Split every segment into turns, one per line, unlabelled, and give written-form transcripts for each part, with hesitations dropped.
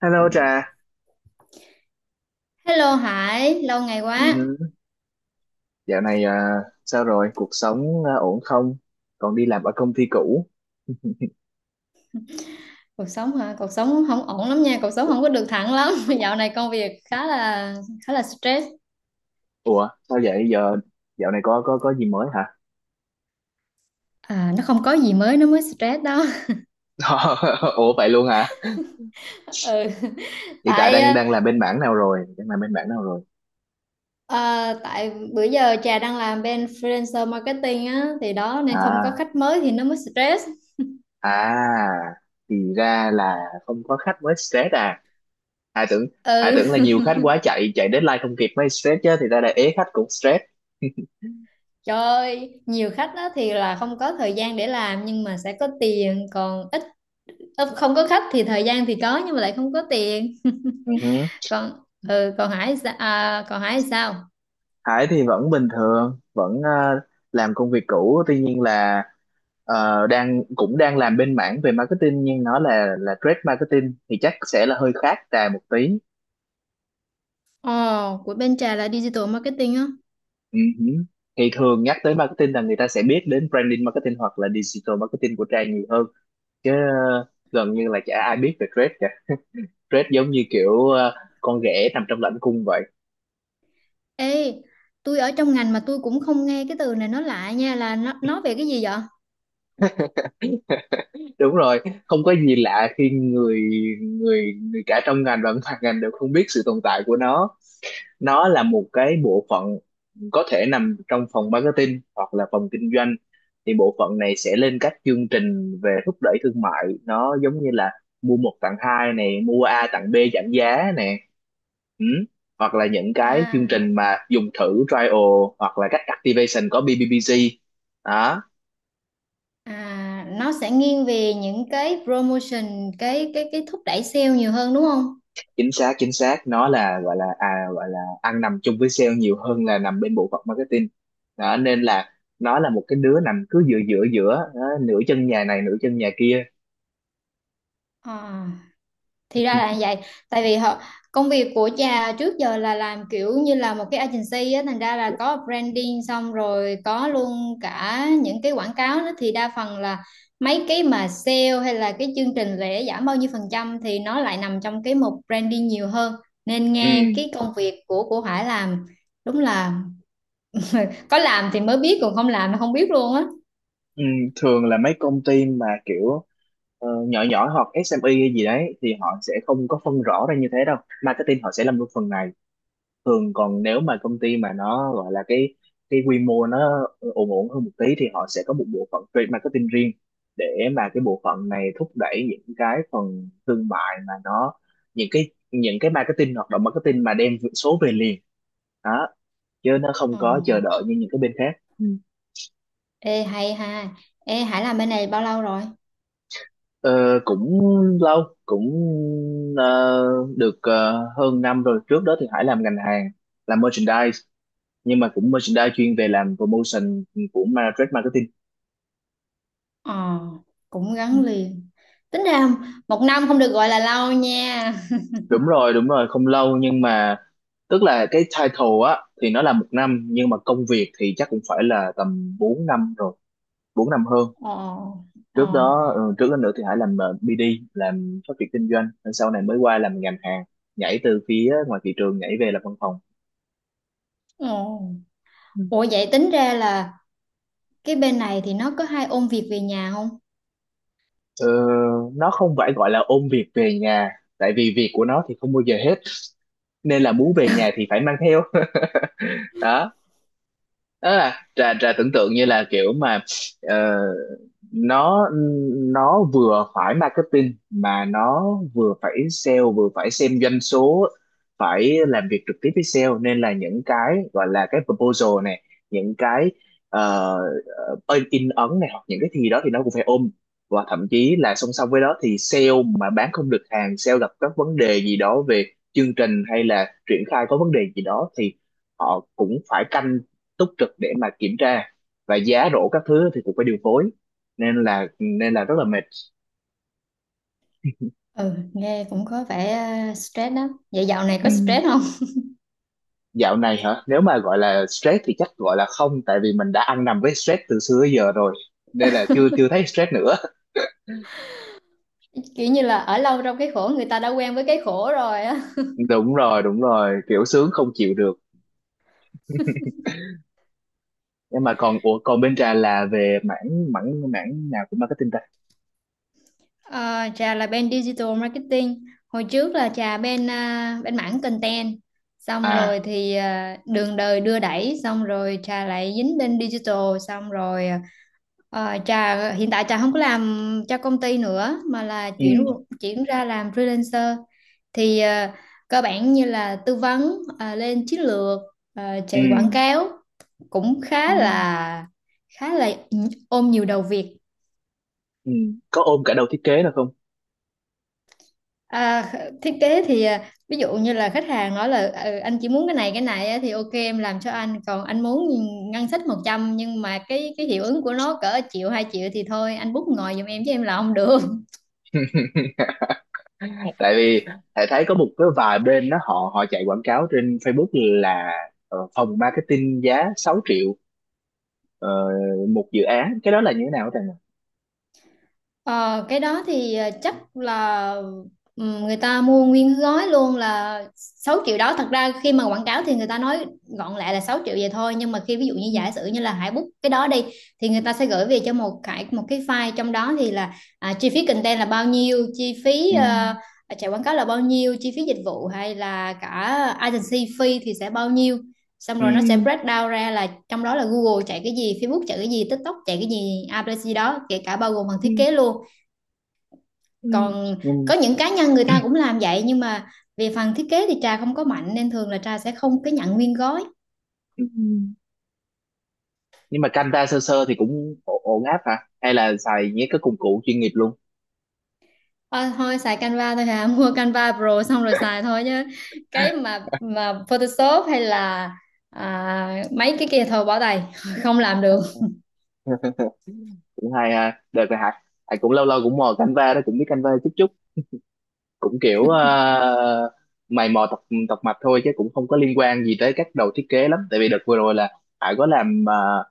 Hello Trà.
Hello Hải, lâu ngày
Ừ,
quá.
dạo này à, sao rồi? Cuộc sống à, ổn không? Còn đi làm ở công ty cũ?
Cuộc sống hả? Cuộc sống không ổn lắm nha, cuộc sống không có được thẳng lắm. Dạo này công việc khá là stress.
Ủa, sao vậy? Giờ dạo này có gì mới hả?
À, nó không có gì mới nó mới stress đó.
Ủa vậy luôn hả?
Ừ.
Hiện tại
Tại
đang
ờ,
đang làm bên mảng nào rồi? Đang làm bên mảng nào rồi?
ờ, tại bữa giờ Trà đang làm bên freelancer marketing á thì đó nên không có
À,
khách mới thì nó mới stress.
à, thì ra là không có khách mới stress à? Ai tưởng Ai tưởng là
Ừ.
nhiều khách quá chạy chạy deadline không kịp mới stress chứ, thì ra là ế khách cũng stress.
Trời ơi, nhiều khách á thì là không có thời gian để làm nhưng mà sẽ có tiền, còn không có khách thì thời gian thì có nhưng mà lại không có tiền.
Ừ,
Còn ừ, còn Hải sa- à, còn Hải sao?
Hải thì vẫn bình thường, vẫn làm công việc cũ, tuy nhiên là cũng đang làm bên mảng về marketing, nhưng nó là trade marketing thì chắc sẽ là hơi khác Trà một tí.
Ồ, của bên Trà là digital marketing á.
Ừ hử. Thì thường nhắc tới marketing là người ta sẽ biết đến branding marketing hoặc là digital marketing của Trà nhiều hơn, chứ ờ, gần như là chả ai biết về trade cả. Trade giống như kiểu con ghẻ nằm trong lãnh cung vậy.
Ê, tôi ở trong ngành mà tôi cũng không nghe cái từ này nó lạ nha, là nó về cái gì vậy?
Đúng rồi, không có gì lạ khi người người người cả trong ngành và ngoài ngành đều không biết sự tồn tại của nó. Nó là một cái bộ phận có thể nằm trong phòng marketing hoặc là phòng kinh doanh. Thì bộ phận này sẽ lên các chương trình về thúc đẩy thương mại, nó giống như là mua một tặng hai này, mua A tặng B, giảm giá nè. Ừ. Hoặc là những cái chương trình
à
mà dùng thử trial, hoặc là các activation có BBBG đó.
à, nó sẽ nghiêng về những cái promotion, cái thúc đẩy sale nhiều hơn đúng không?
Chính xác, chính xác, nó là gọi là gọi là ăn nằm chung với sale nhiều hơn là nằm bên bộ phận marketing đó. Nên là nó là một cái đứa nằm cứ giữa giữa giữa đó, nửa chân nhà này nửa chân nhà kia.
Ờ, thì ra là như vậy. Tại vì họ, công việc của cha trước giờ là làm kiểu như là một cái agency á, thành ra là có branding xong rồi có luôn cả những cái quảng cáo nữa, thì đa phần là mấy cái mà sale hay là cái chương trình lễ giảm bao nhiêu phần trăm thì nó lại nằm trong cái mục branding nhiều hơn. Nên
Ừ,
nghe cái công việc của Hải làm, đúng là có làm thì mới biết, còn không làm thì không biết luôn á.
ừ, thường là mấy công ty mà kiểu nhỏ nhỏ hoặc SME hay gì đấy thì họ sẽ không có phân rõ ra như thế đâu, marketing họ sẽ làm luôn phần này. Thường còn nếu mà công ty mà nó gọi là cái quy mô nó ổn ổn hơn một tí thì họ sẽ có một bộ phận trade marketing riêng, để mà cái bộ phận này thúc đẩy những cái phần thương mại mà nó, những cái marketing, hoạt động marketing mà đem số về liền đó, chứ nó không
Ồ,
có chờ đợi như những cái bên khác. Ừ.
ê hay ha. Ê Hải làm bên này bao lâu rồi?
Ờ, cũng lâu, cũng ờ, được, hơn 1 năm rồi. Trước đó thì Hải làm ngành hàng, làm merchandise, nhưng mà cũng merchandise chuyên về làm promotion của trade marketing.
Ờ, cũng
Ừ.
gắn liền. Tính ra 1 năm không được gọi là lâu nha.
Đúng rồi, đúng rồi, không lâu nhưng mà tức là cái title á thì nó là 1 năm, nhưng mà công việc thì chắc cũng phải là tầm 4 năm rồi, 4 năm hơn.
Ờ,
Trước
ờ,
đó Ừ, trước đó nữa thì Hải làm BD, làm phát triển kinh doanh. Rồi sau này mới qua làm ngành hàng, nhảy từ phía ngoài thị trường nhảy về làm văn phòng.
ờ.
Ừ.
Ủa vậy tính ra là cái bên này thì nó có hay ôn việc về nhà không?
Ờ, nó không phải gọi là ôm việc về nhà, tại vì việc của nó thì không bao giờ hết, nên là muốn về nhà thì phải mang theo. Đó, đó là trà trà tưởng tượng như là kiểu mà ờ, nó nó vừa phải marketing mà nó vừa phải sale, vừa phải xem doanh số, phải làm việc trực tiếp với sale. Nên là những cái gọi là cái proposal này, những cái ờ, in ấn này, hoặc những cái gì đó thì nó cũng phải ôm. Và thậm chí là song song với đó thì sale mà bán không được hàng, sale gặp các vấn đề gì đó về chương trình hay là triển khai có vấn đề gì đó thì họ cũng phải canh túc trực để mà kiểm tra, và giá rổ các thứ thì cũng phải điều phối. Nên là nên là rất là mệt.
Ừ, nghe cũng có vẻ stress đó. Vậy dạo này có
Ừm,
stress không?
dạo này hả, nếu mà gọi là stress thì chắc gọi là không, tại vì mình đã ăn nằm với stress từ xưa tới giờ rồi, nên là chưa chưa thấy stress nữa.
Kiểu như là ở lâu trong cái khổ, người ta đã quen với cái khổ rồi á.
Đúng rồi, đúng rồi, kiểu sướng không chịu được. Nhưng mà còn ủa, còn bên trà là về mảng mảng mảng nào của marketing ta?
Ờ, trà là bên digital marketing, hồi trước là trà bên bên mảng content, xong
À.
rồi thì đường đời đưa đẩy xong rồi trà lại dính bên digital. Xong rồi trà hiện tại trà không có làm cho công ty nữa mà là
Ừ.
chuyển chuyển ra làm freelancer. Thì cơ bản như là tư vấn, lên chiến lược, ờ,
Ừ.
chạy quảng cáo, cũng
Ừ.
khá là ôm nhiều đầu việc.
Ừ. Có ôm cả đầu thiết kế là không?
À, thiết kế thì ví dụ như là khách hàng nói là "Ừ, anh chỉ muốn cái này á", thì ok em làm cho anh, còn anh muốn ngân sách 100 nhưng mà cái hiệu ứng của nó cỡ triệu hai triệu thì thôi anh bút ngồi giùm em chứ em là không được.
Tại vì thầy thấy có một cái vài bên đó họ họ chạy quảng cáo trên Facebook là phòng marketing giá 6 triệu, ờ, một dự án, cái đó là như thế nào thầy nhỉ?
Ờ, cái đó thì chắc là người ta mua nguyên gói luôn là 6 triệu đó. Thật ra khi mà quảng cáo thì người ta nói gọn lại là 6 triệu vậy thôi, nhưng mà khi ví dụ như
Ừ.
giả sử như là Hải book cái đó đi, thì người ta sẽ gửi về cho một cái file, trong đó thì là chi phí content là bao nhiêu, chi phí
Ừ.
chạy quảng cáo là bao nhiêu, chi phí dịch vụ hay là cả agency fee thì sẽ bao nhiêu. Xong
Ừ.
rồi nó sẽ break down ra là trong đó là Google chạy cái gì, Facebook chạy cái gì, TikTok chạy cái gì, ABC đó, kể cả bao gồm phần thiết
Ừ.
kế luôn.
Ừ.
Còn
Nhưng,
có những cá nhân người ta cũng làm vậy, nhưng mà về phần thiết kế thì Trà không có mạnh, nên thường là Trà sẽ không có nhận nguyên gói.
ừ, nhưng mà Canva sơ sơ thì cũng ổn áp hả, hay là xài những cái công cụ chuyên nghiệp luôn?
Ờ, thôi xài Canva thôi hả. Mua Canva Pro xong rồi xài thôi chứ cái mà Photoshop hay là mấy cái kia thôi bỏ tay. Không làm được.
Cũng hay ha, được rồi hả. Thầy cũng lâu lâu cũng mò Canva đó, cũng biết Canva chút chút, cũng kiểu mày mò tập tập mạch thôi, chứ cũng không có liên quan gì tới các đầu thiết kế lắm. Tại vì đợt vừa rồi là Hải có làm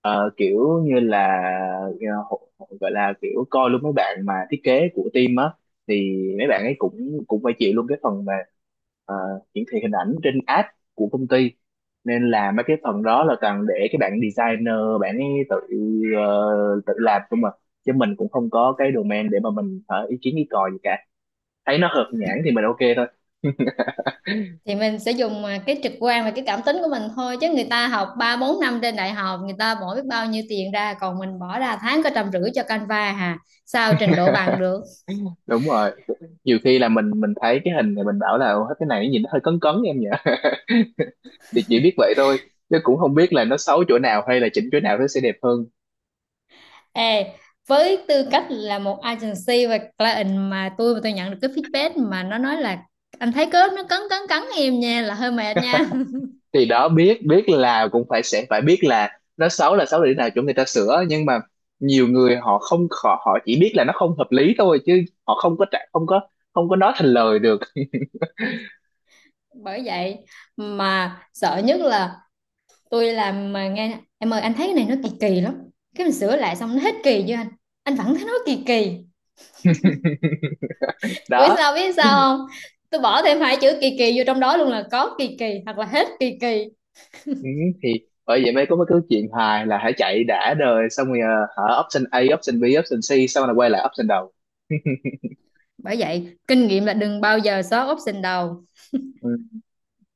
kiểu như là gọi là kiểu coi luôn mấy bạn mà thiết kế của team á, thì mấy bạn ấy cũng cũng phải chịu luôn cái phần mà ờ, hiển thị hình ảnh trên app của công ty, nên là mấy cái phần đó là toàn để cái bạn designer, bạn ấy tự tự làm không mà, chứ mình cũng không có cái domain để mà mình ý kiến ý cò gì cả, thấy nó hợp nhãn thì mình ok thôi.
Thì mình sẽ dùng cái trực quan và cái cảm tính của mình thôi, chứ người ta học ba bốn năm trên đại học, người ta bỏ biết bao nhiêu tiền ra, còn mình bỏ ra tháng có trăm rưỡi cho Canva hà, sao trình độ bằng được.
Đúng rồi, nhiều khi là mình thấy cái hình này, mình bảo là "Ủa, cái này nó nhìn nó hơi cấn cấn em nhỉ." Thì chỉ biết vậy thôi, chứ cũng không biết là nó xấu chỗ nào hay là chỉnh chỗ nào nó sẽ đẹp hơn.
Ê, với tư cách là một agency và client, mà tôi nhận được cái feedback mà nó nói là "Anh thấy cái nó cấn cấn cấn em nha" là hơi mệt nha.
Thì đó, biết biết là cũng phải, sẽ phải biết là nó xấu là xấu để nào, chỗ người ta sửa. Nhưng mà nhiều người họ không, họ chỉ biết là nó không hợp lý thôi, chứ họ không có trả, không có, không có nói thành lời được.
Bởi vậy mà sợ nhất là tôi làm mà nghe "Em ơi anh thấy cái này nó kỳ kỳ lắm". Cái mình sửa lại xong, "Nó hết kỳ chưa anh?" "Anh vẫn thấy nó kỳ kỳ". Biết
Đó.
sao biết sao không, tôi bỏ thêm hai chữ kỳ kỳ vô trong đó luôn là "có kỳ kỳ" hoặc là "hết kỳ kỳ".
Ừ, thì bởi vậy mới có mấy cái chuyện hài là hãy chạy đã đời xong rồi hả, option A, option B, option C, xong rồi quay lại option đầu.
Bởi vậy kinh nghiệm là đừng bao giờ xóa option đầu.
Ừ.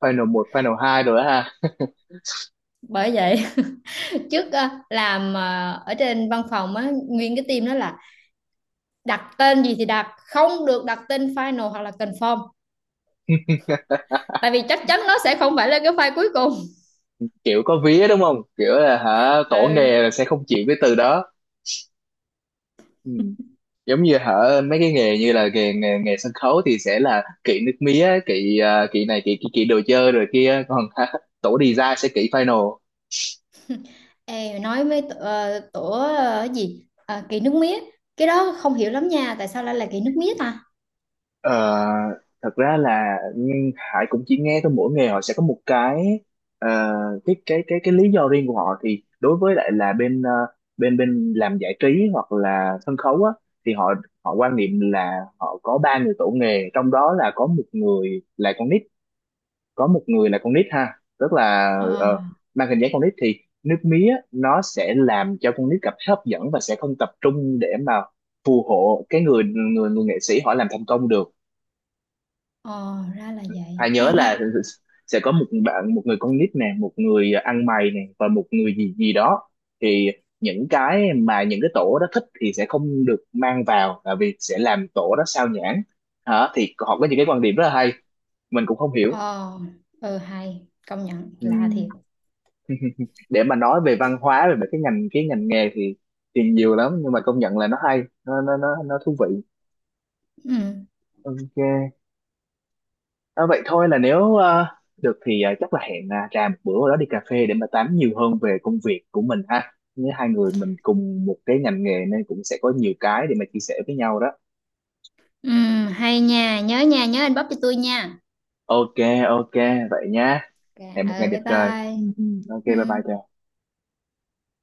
Final một, final hai rồi đó ha.
Bởi vậy trước làm ở trên văn phòng á, nguyên cái team đó là đặt tên gì thì đặt, không được đặt tên final hoặc là confirm, tại vì chắc chắn nó sẽ không phải là cái file cuối cùng.
Kiểu có vía đúng không, kiểu là hả, tổ
Ừ.
nghề là sẽ không chịu cái từ đó. Ừ. Giống như hả, mấy cái nghề như là nghề nghề, nghề sân khấu thì sẽ là kỵ nước mía, kỵ kỵ này, kỵ kỵ, kỵ đồ chơi rồi kia còn, hả, tổ design sẽ kỵ final.
Ê, nói với tổ kỳ nước mía, cái đó không hiểu lắm nha, tại sao lại là kỳ nước mía ta.
Ờ, thật ra là nhưng Hải cũng chỉ nghe thôi, mỗi nghề họ sẽ có một cái ờ, cái lý do riêng của họ. Thì đối với lại là bên bên bên làm giải trí hoặc là sân khấu á, thì họ họ quan niệm là họ có ba người tổ nghề, trong đó là có một người là con nít, có một người là con nít ha tức là
ờ
ờ, mang hình dáng con nít, thì nước mía nó sẽ làm cho con nít cảm thấy hấp dẫn và sẽ không tập trung để mà phù hộ cái người người người nghệ sĩ họ làm thành công được.
ờ Ra là vậy
Hà nhớ
hay ha.
là sẽ có một người con nít nè, một người ăn mày nè, và một người gì gì đó. Thì những cái tổ đó thích thì sẽ không được mang vào, là vì sẽ làm tổ đó sao nhãng. Hả, thì họ có những cái quan điểm rất là hay, mình cũng không hiểu.
ờ ừ hay, công nhận lạ
Ừm.
thiệt.
Để mà nói về văn hóa, về mấy cái ngành, cái ngành nghề thì nhiều lắm, nhưng mà công nhận là nó hay, nó thú vị.
Ừ,
Ok. À, vậy thôi, là nếu được thì chắc là hẹn trà một bữa đó đi cà phê để mà tám nhiều hơn về công việc của mình ha. Nếu hai người mình cùng một cái ngành nghề nên cũng sẽ có nhiều cái để mà chia sẻ với nhau đó.
ừ hay nha, nhớ nha, nhớ inbox cho tôi nha.
Ok, ok, vậy nha.
Ok,
Hẹn một ngày
ừ
đẹp
bye
trời. Ừ,
bye.
ừ. Ok,
Ừ.
bye bye Trà.